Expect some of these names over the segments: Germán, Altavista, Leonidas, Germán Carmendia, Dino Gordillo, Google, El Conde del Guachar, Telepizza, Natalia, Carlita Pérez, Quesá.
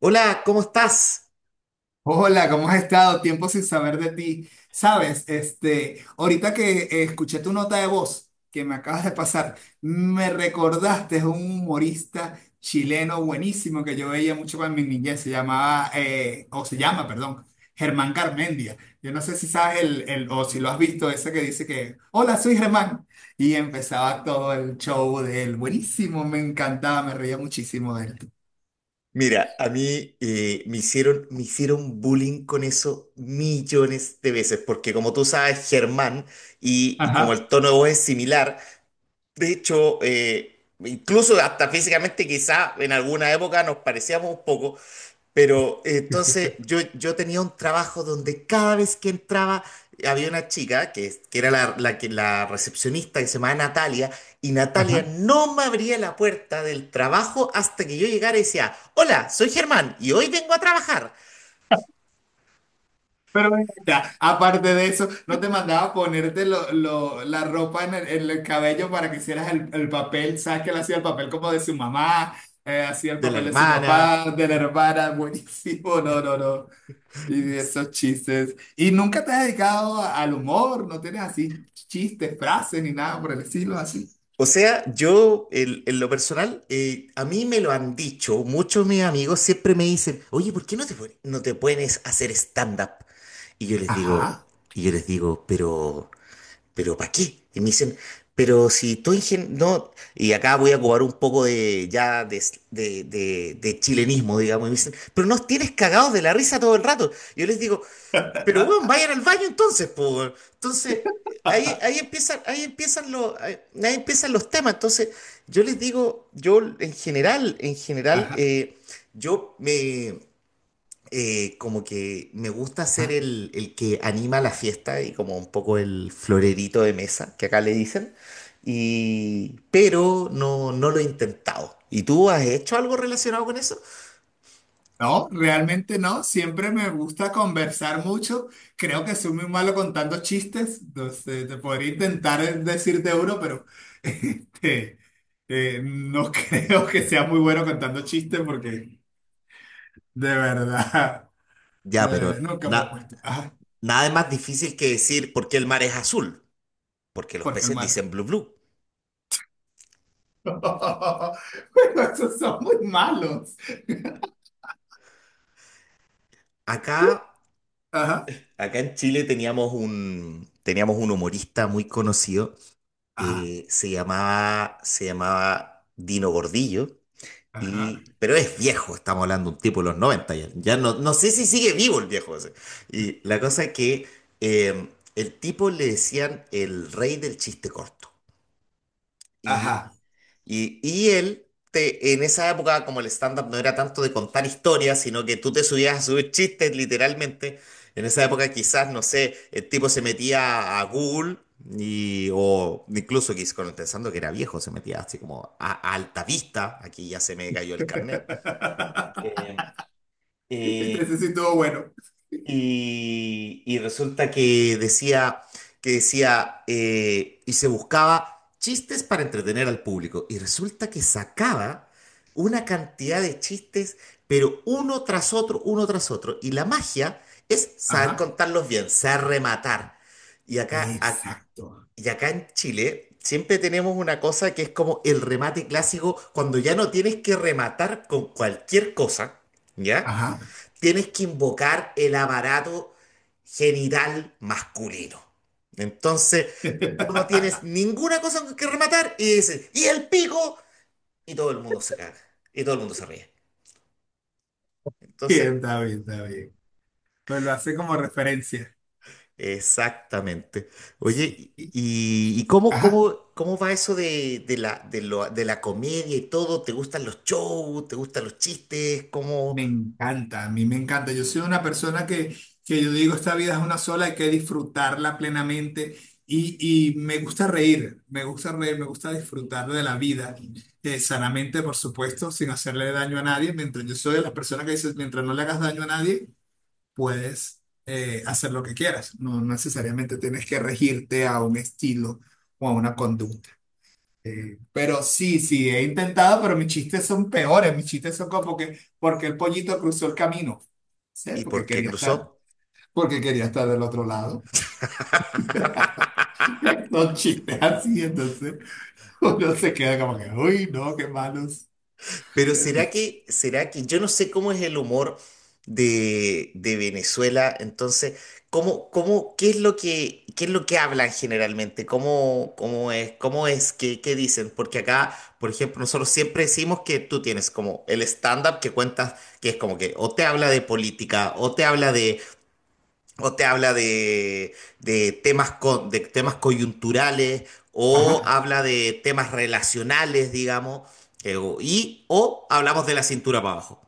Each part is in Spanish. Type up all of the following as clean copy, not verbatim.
Hola, ¿cómo estás? Hola, ¿cómo has estado? Tiempo sin saber de ti. Sabes, este, ahorita que escuché tu nota de voz que me acabas de pasar, me recordaste a un humorista chileno buenísimo que yo veía mucho cuando en mi niñez. Se llamaba, o se llama, perdón, Germán Carmendia. Yo no sé si sabes o si lo has visto, ese que dice que, hola, soy Germán. Y empezaba todo el show de él. Buenísimo, me encantaba, me reía muchísimo de él. Mira, a mí me hicieron bullying con eso millones de veces, porque como tú sabes, Germán, y como Ajá. el tono de voz es similar, de hecho, incluso hasta físicamente quizá en alguna época nos parecíamos un poco. Pero entonces yo tenía un trabajo donde cada vez que entraba había una chica que era la recepcionista que se llamaba Natalia, y Natalia no me abría la puerta del trabajo hasta que yo llegara y decía, hola, soy Germán y hoy vengo a trabajar Pero ven acá, aparte de eso, ¿no te mandaba ponerte la ropa en el cabello para que hicieras el papel? ¿Sabes que él hacía el papel como de su mamá? Hacía el de la papel de su hermana. papá, de la hermana, buenísimo, no, no, no. Y de esos chistes. ¿Y nunca te has dedicado a- al humor? ¿No tienes así chistes, frases ni nada por el estilo así? O sea, en lo personal, a mí me lo han dicho, muchos de mis amigos siempre me dicen, oye, ¿por qué no no te pones a hacer stand-up? Y yo les digo, Ajá, y yo les digo, pero... ¿Pero para qué? Y me dicen, pero si tú no, y acá voy a cobrar un poco de ya de chilenismo, digamos, y me dicen, pero nos tienes cagados de la risa todo el rato. Yo les digo, pero weón, vayan al baño entonces, po, weón. Entonces, ahí ahí empiezan los temas. Entonces, yo les digo, yo en general, ajá. Yo me como que me gusta ser el que anima la fiesta y como un poco el florerito de mesa, que acá le dicen, y, pero no, no lo he intentado. ¿Y tú has hecho algo relacionado con eso? No, realmente no. Siempre me gusta conversar mucho. Creo que soy muy malo contando chistes. Entonces, te podría intentar decirte uno, pero este, no creo que sea muy bueno contando chistes porque de verdad Ya, nunca me he puesto. Ah, nada es más difícil que decir por qué el mar es azul, porque los porque peces hermana. dicen blue blue. Bueno, esos son muy malos. Acá, Ajá, acá en Chile teníamos un humorista muy conocido ajá, que se llamaba Dino Gordillo. ajá, Y, pero es viejo, estamos hablando de un tipo de los 90 ya. Ya no, no sé si sigue vivo el viejo ese. Y la cosa es que eh, el tipo le decían el rey del chiste corto. Y, ajá. y él, en esa época, como el stand-up no era tanto de contar historias, sino que tú te subías a subir chistes literalmente. En esa época quizás, no sé, el tipo se metía a Google y, o incluso pensando que era viejo, se metía así como a Altavista. Aquí ya se me cayó el carnet. eh, eh, Entonces sí estuvo bueno. y, y resulta que decía, y se buscaba chistes para entretener al público. Y resulta que sacaba una cantidad de chistes, pero uno tras otro, uno tras otro. Y la magia es saber Ajá, contarlos bien, saber rematar. Y acá, a- exacto. y acá en Chile siempre tenemos una cosa que es como el remate clásico, cuando ya no tienes que rematar con cualquier cosa, ¿ya? Ajá. Tienes que invocar el aparato genital masculino. Entonces, tú no tienes ninguna cosa con que rematar y dices, ¡y el pico! Y todo el mundo se caga, y todo el mundo se ríe. Bien, Entonces, está bien, está bien. Pues lo hace como referencia. exactamente. Sí. Oye, ¿y, y- y cómo, Ajá, cómo, cómo va eso de la comedia y todo? ¿Te gustan los shows? ¿Te gustan los chistes? ¿Cómo? me encanta, a mí me encanta. Yo soy una persona que yo digo, esta vida es una sola, hay que disfrutarla plenamente y, y me gusta reír, me gusta reír, me gusta disfrutar de la vida, sanamente, por supuesto, sin hacerle daño a nadie, mientras yo soy de las personas que dice, mientras no le hagas daño a nadie. Puedes hacer lo que quieras. No no necesariamente tienes que regirte a un estilo o a una conducta. Pero sí, sí, he intentado, pero mis chistes son peores. Mis chistes son como que, porque el pollito cruzó el camino. ¿Sí? ¿Y Porque por qué quería cruzó? porque quería estar del otro lado. Son chistes así, entonces uno se queda como que, uy, no, qué malos. Pero será que, yo no sé cómo es el humor de Venezuela. Entonces, ¿qué es lo qué es lo que hablan generalmente? ¿Cómo es, qué dicen? Porque acá, por ejemplo, nosotros siempre decimos que tú tienes como el stand-up que cuentas, que es como que o te habla de política, o te habla de, o te habla de temas de temas coyunturales, o Ajá. habla de temas relacionales, digamos, y o hablamos de la cintura para abajo.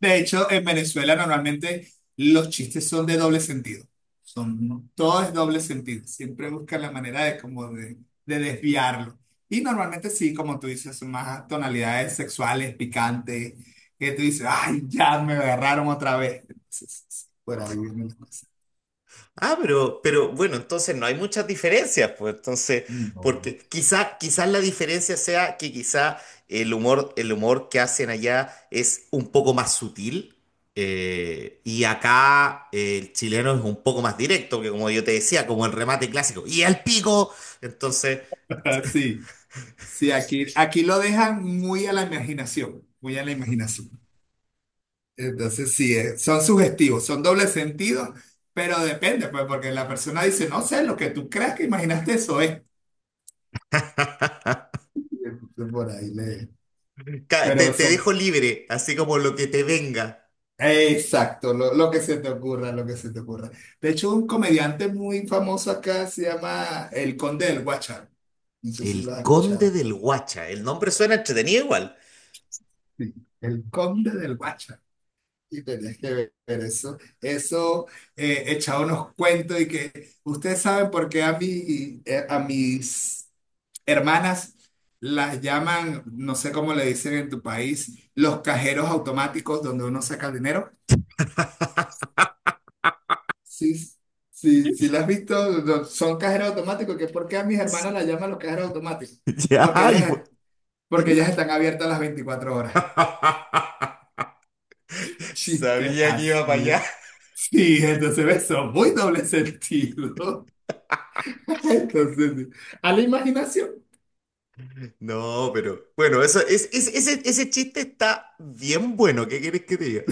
De hecho, en Venezuela normalmente los chistes son de doble sentido. Son, todo es doble sentido. Siempre buscan la manera de de, desviarlo. Y normalmente sí, como tú dices, son más tonalidades sexuales, picantes, que tú dices, ay, ya me agarraron otra vez. Entonces, sí, por ahí vienen las cosas. Ah, pero bueno, entonces no hay muchas diferencias, pues entonces, No. porque quizás la diferencia sea que quizá el humor que hacen allá es un poco más sutil. Y acá el chileno es un poco más directo, que como yo te decía, como el remate clásico, y el pico, entonces, Sí, sí, aquí, aquí lo dejan muy a la imaginación, muy a la imaginación. Entonces, sí, son sugestivos, son doble sentido, pero depende, pues, porque la persona dice, no sé, lo que tú creas que imaginaste eso es. Y entonces por ahí le... Ca- Te, Pero te son... dejo libre, así como lo que te venga. Exacto, lo que se te ocurra, lo que se te ocurra. De hecho, un comediante muy famoso acá se llama El Conde del Guachar. No sé si lo El has Conde escuchado. del Guacha. El nombre suena entretenido igual. Sí, El Conde del Guachar. Y tenés que ver eso. Eso echaba unos cuentos y que ustedes saben por qué a mí, a mis hermanas las llaman, no sé cómo le dicen en tu país, los cajeros automáticos donde uno saca el dinero. Sí, sí, sí, las has visto. No, son cajeros automáticos, que por qué a mis Sí. hermanas las llaman los cajeros automáticos. Porque Ya, porque ellas están abiertas las 24 horas. Chistes sabía que iba para allá. así. Sí, entonces eso, muy doble sentido. Entonces, sí. A la imaginación. No, pero bueno, eso ese chiste está bien bueno. ¿Qué quieres que te diga?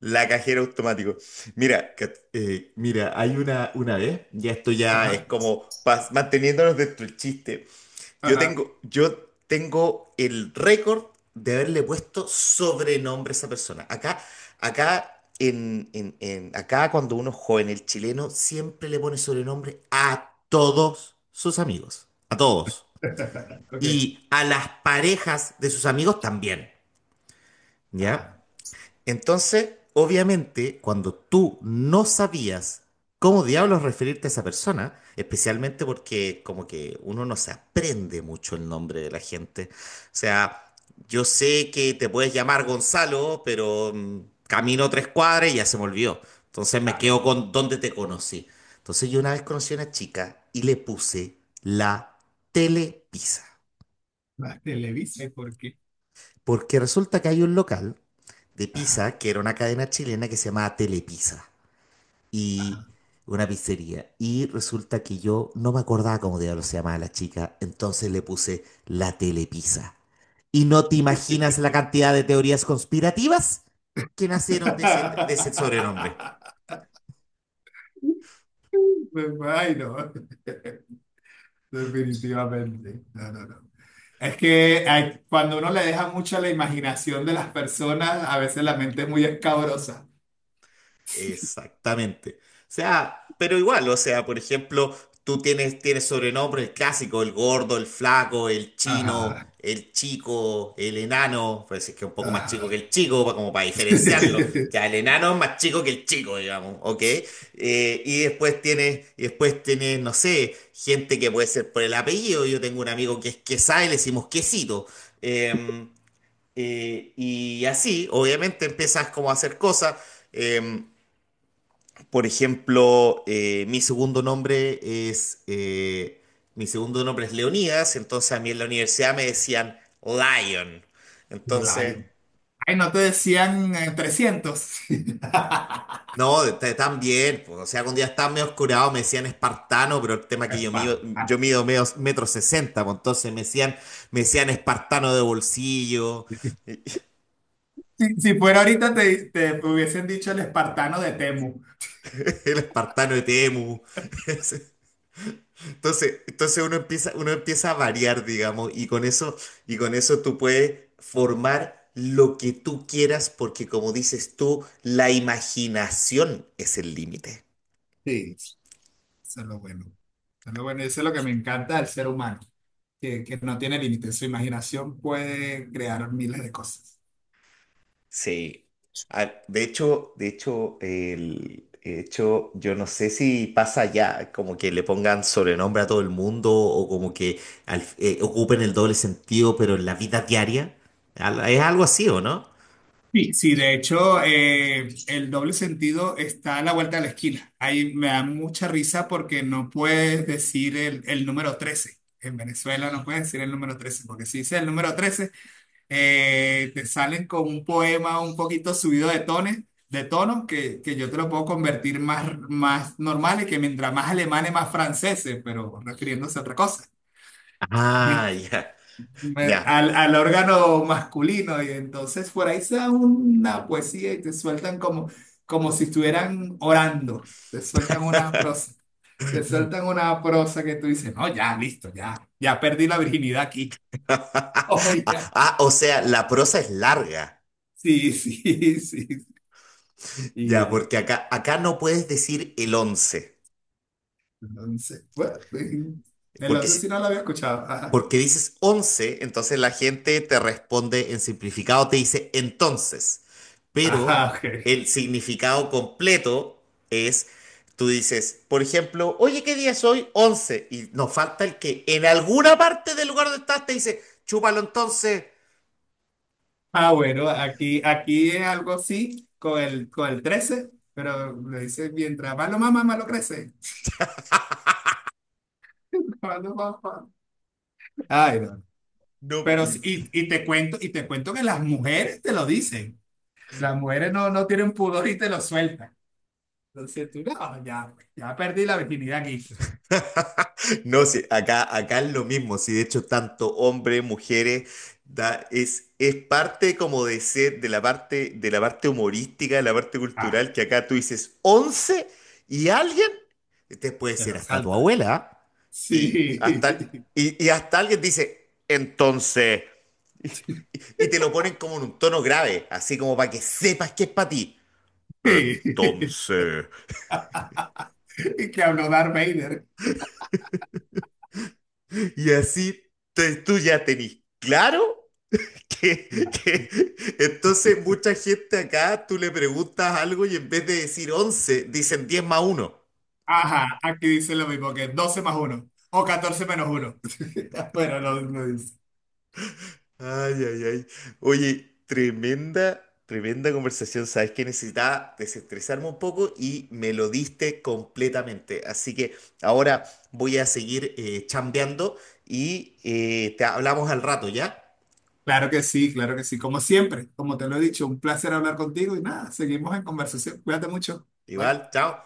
La cajera automático. Mira, mira, hay una vez, ya esto ya es Ajá, como manteniéndonos dentro del chiste. Ajá. Yo tengo el récord de haberle puesto sobrenombre a esa persona. Acá, acá, en- acá cuando uno es joven, el chileno siempre le pone sobrenombre a todos sus amigos. A todos. Ok, Y a las parejas de sus amigos también. ¿Ya? ajá, Entonces, obviamente, cuando tú no sabías cómo diablos referirte a esa persona, especialmente porque como que uno no se aprende mucho el nombre de la gente. O sea, yo sé que te puedes llamar Gonzalo, pero camino 3 cuadras y ya se me olvidó. Entonces me claro. quedo con dónde te conocí. Entonces yo una vez conocí a una chica y le puse la Telepizza. La televisa, ¿y por qué? Porque resulta que hay un local de Ajá. pizza que era una cadena chilena que se llamaba Telepizza, y una pizzería. Y resulta que yo no me acordaba cómo diablos se llamaba la chica, entonces le puse la telepizza. Y no te imaginas la cantidad de teorías conspirativas que nacieron de ese sobrenombre. Me imagino. Definitivamente. No, no, no. Es que hay- cuando uno le deja mucho a la imaginación de las personas, a veces la mente es muy escabrosa. Exactamente. O sea, pero igual, o sea, por ejemplo, tienes sobrenombres: el clásico, el gordo, el flaco, el chino, Ajá, el chico, el enano, pues es que es un poco más chico que ajá. el chico, como para diferenciarlo. Ya, el enano es más chico que el chico, digamos, ¿ok? Y después tienes, no sé, gente que puede ser por el apellido. Yo tengo un amigo que es Quesá y le decimos Quesito. Em, y así, obviamente, empiezas como a hacer cosas. em, por ejemplo, es eh, mi segundo nombre es Leonidas, entonces a mí en la universidad me decían Lion. Entonces, Lion. Ay, no te decían 300. no, también, pues, o sea, cuando ya estaba medio oscurado me decían espartano, pero el tema es que Esparo. yo mido medio, metro sesenta, pues, entonces me decían espartano de bolsillo. Si, si fuera ahorita te, te hubiesen dicho el espartano de Temu. El espartano de Temu. Entonces, uno empieza a variar, digamos, y con eso tú puedes formar lo que tú quieras, porque como dices tú, la imaginación es el límite. Sí. Eso es lo bueno. Eso es lo bueno. Y eso es lo que me encanta del ser humano, que no tiene límites. Su imaginación puede crear miles de cosas. Sí. Ah, de hecho, yo no sé si pasa ya, como que le pongan sobrenombre a todo el mundo, o como que ocupen el doble sentido, pero en la vida diaria. ¿Es algo así o no? Sí, sí, de hecho, el doble sentido está a la vuelta de la esquina. Ahí me da mucha risa porque no puedes decir el número 13. En Venezuela no puedes decir el número 13 porque si dices el número 13 te salen con un poema un poquito subido de tones, de tono, que yo te lo puedo convertir más, más normal y que mientras más alemanes, más franceses, pero refiriéndose a otra cosa. Ah, ya, Me- ya. Al órgano masculino y entonces por ahí se da una poesía y te sueltan como, como si estuvieran orando, te sueltan una prosa, te sueltan una prosa que tú dices, no, ya, listo, ya, ya perdí la virginidad aquí. Oye, Ah, o sea, la prosa es larga. sí, sí, sí. Ya, Sí. porque acá, acá no puedes decir el 11, Entonces bueno, el porque, 11 sí no lo había escuchado. Ajá. porque dices 11, entonces la gente te responde en simplificado, te dice entonces. Pero Ajá, ok. el significado completo es, tú dices, por ejemplo, oye, ¿qué día es hoy? 11. Y nos falta el que en alguna parte del lugar donde estás te dice, chúpalo entonces. Ah, bueno, aquí, aquí es algo así con el 13 pero le dice, mientras más lo mama, más lo crece. Más lo mama. Ay, no. No, Pero y... sí, y te cuento que las mujeres te lo dicen. Las mujeres no, no tienen pudor y te lo sueltan. Entonces tú, no, ya, ya perdí la virginidad aquí. No, sí, acá, acá es lo mismo, sí, de hecho, tanto hombres, mujeres, da, es parte como de ser, de la parte humorística, de la parte Ah, cultural, que acá tú dices 11 y alguien, te puede te ser lo hasta tu salta. abuela, ¿ah? Y Sí. hasta, y hasta alguien dice, entonces, y te lo ponen como en un tono grave, así como para que sepas que es para ti. Sí. Entonces, Y que habló Darth Vader. y así tú ya tenés claro. que- que- Entonces, mucha gente acá, tú le preguntas algo y en vez de decir 11 dicen 10 más uno. Ajá, aquí dice lo mismo que 12 más 1 o 14 menos 1. Bueno, lo dice. Ay, ay, ay. Oye, tremenda, tremenda conversación. Sabes que necesitaba desestresarme un poco y me lo diste completamente. Así que ahora voy a seguir chambeando y te hablamos al rato, ¿ya? Claro que sí, claro que sí. Como siempre, como te lo he dicho, un placer hablar contigo y nada, seguimos en conversación. Cuídate mucho. Bye. Igual, chao.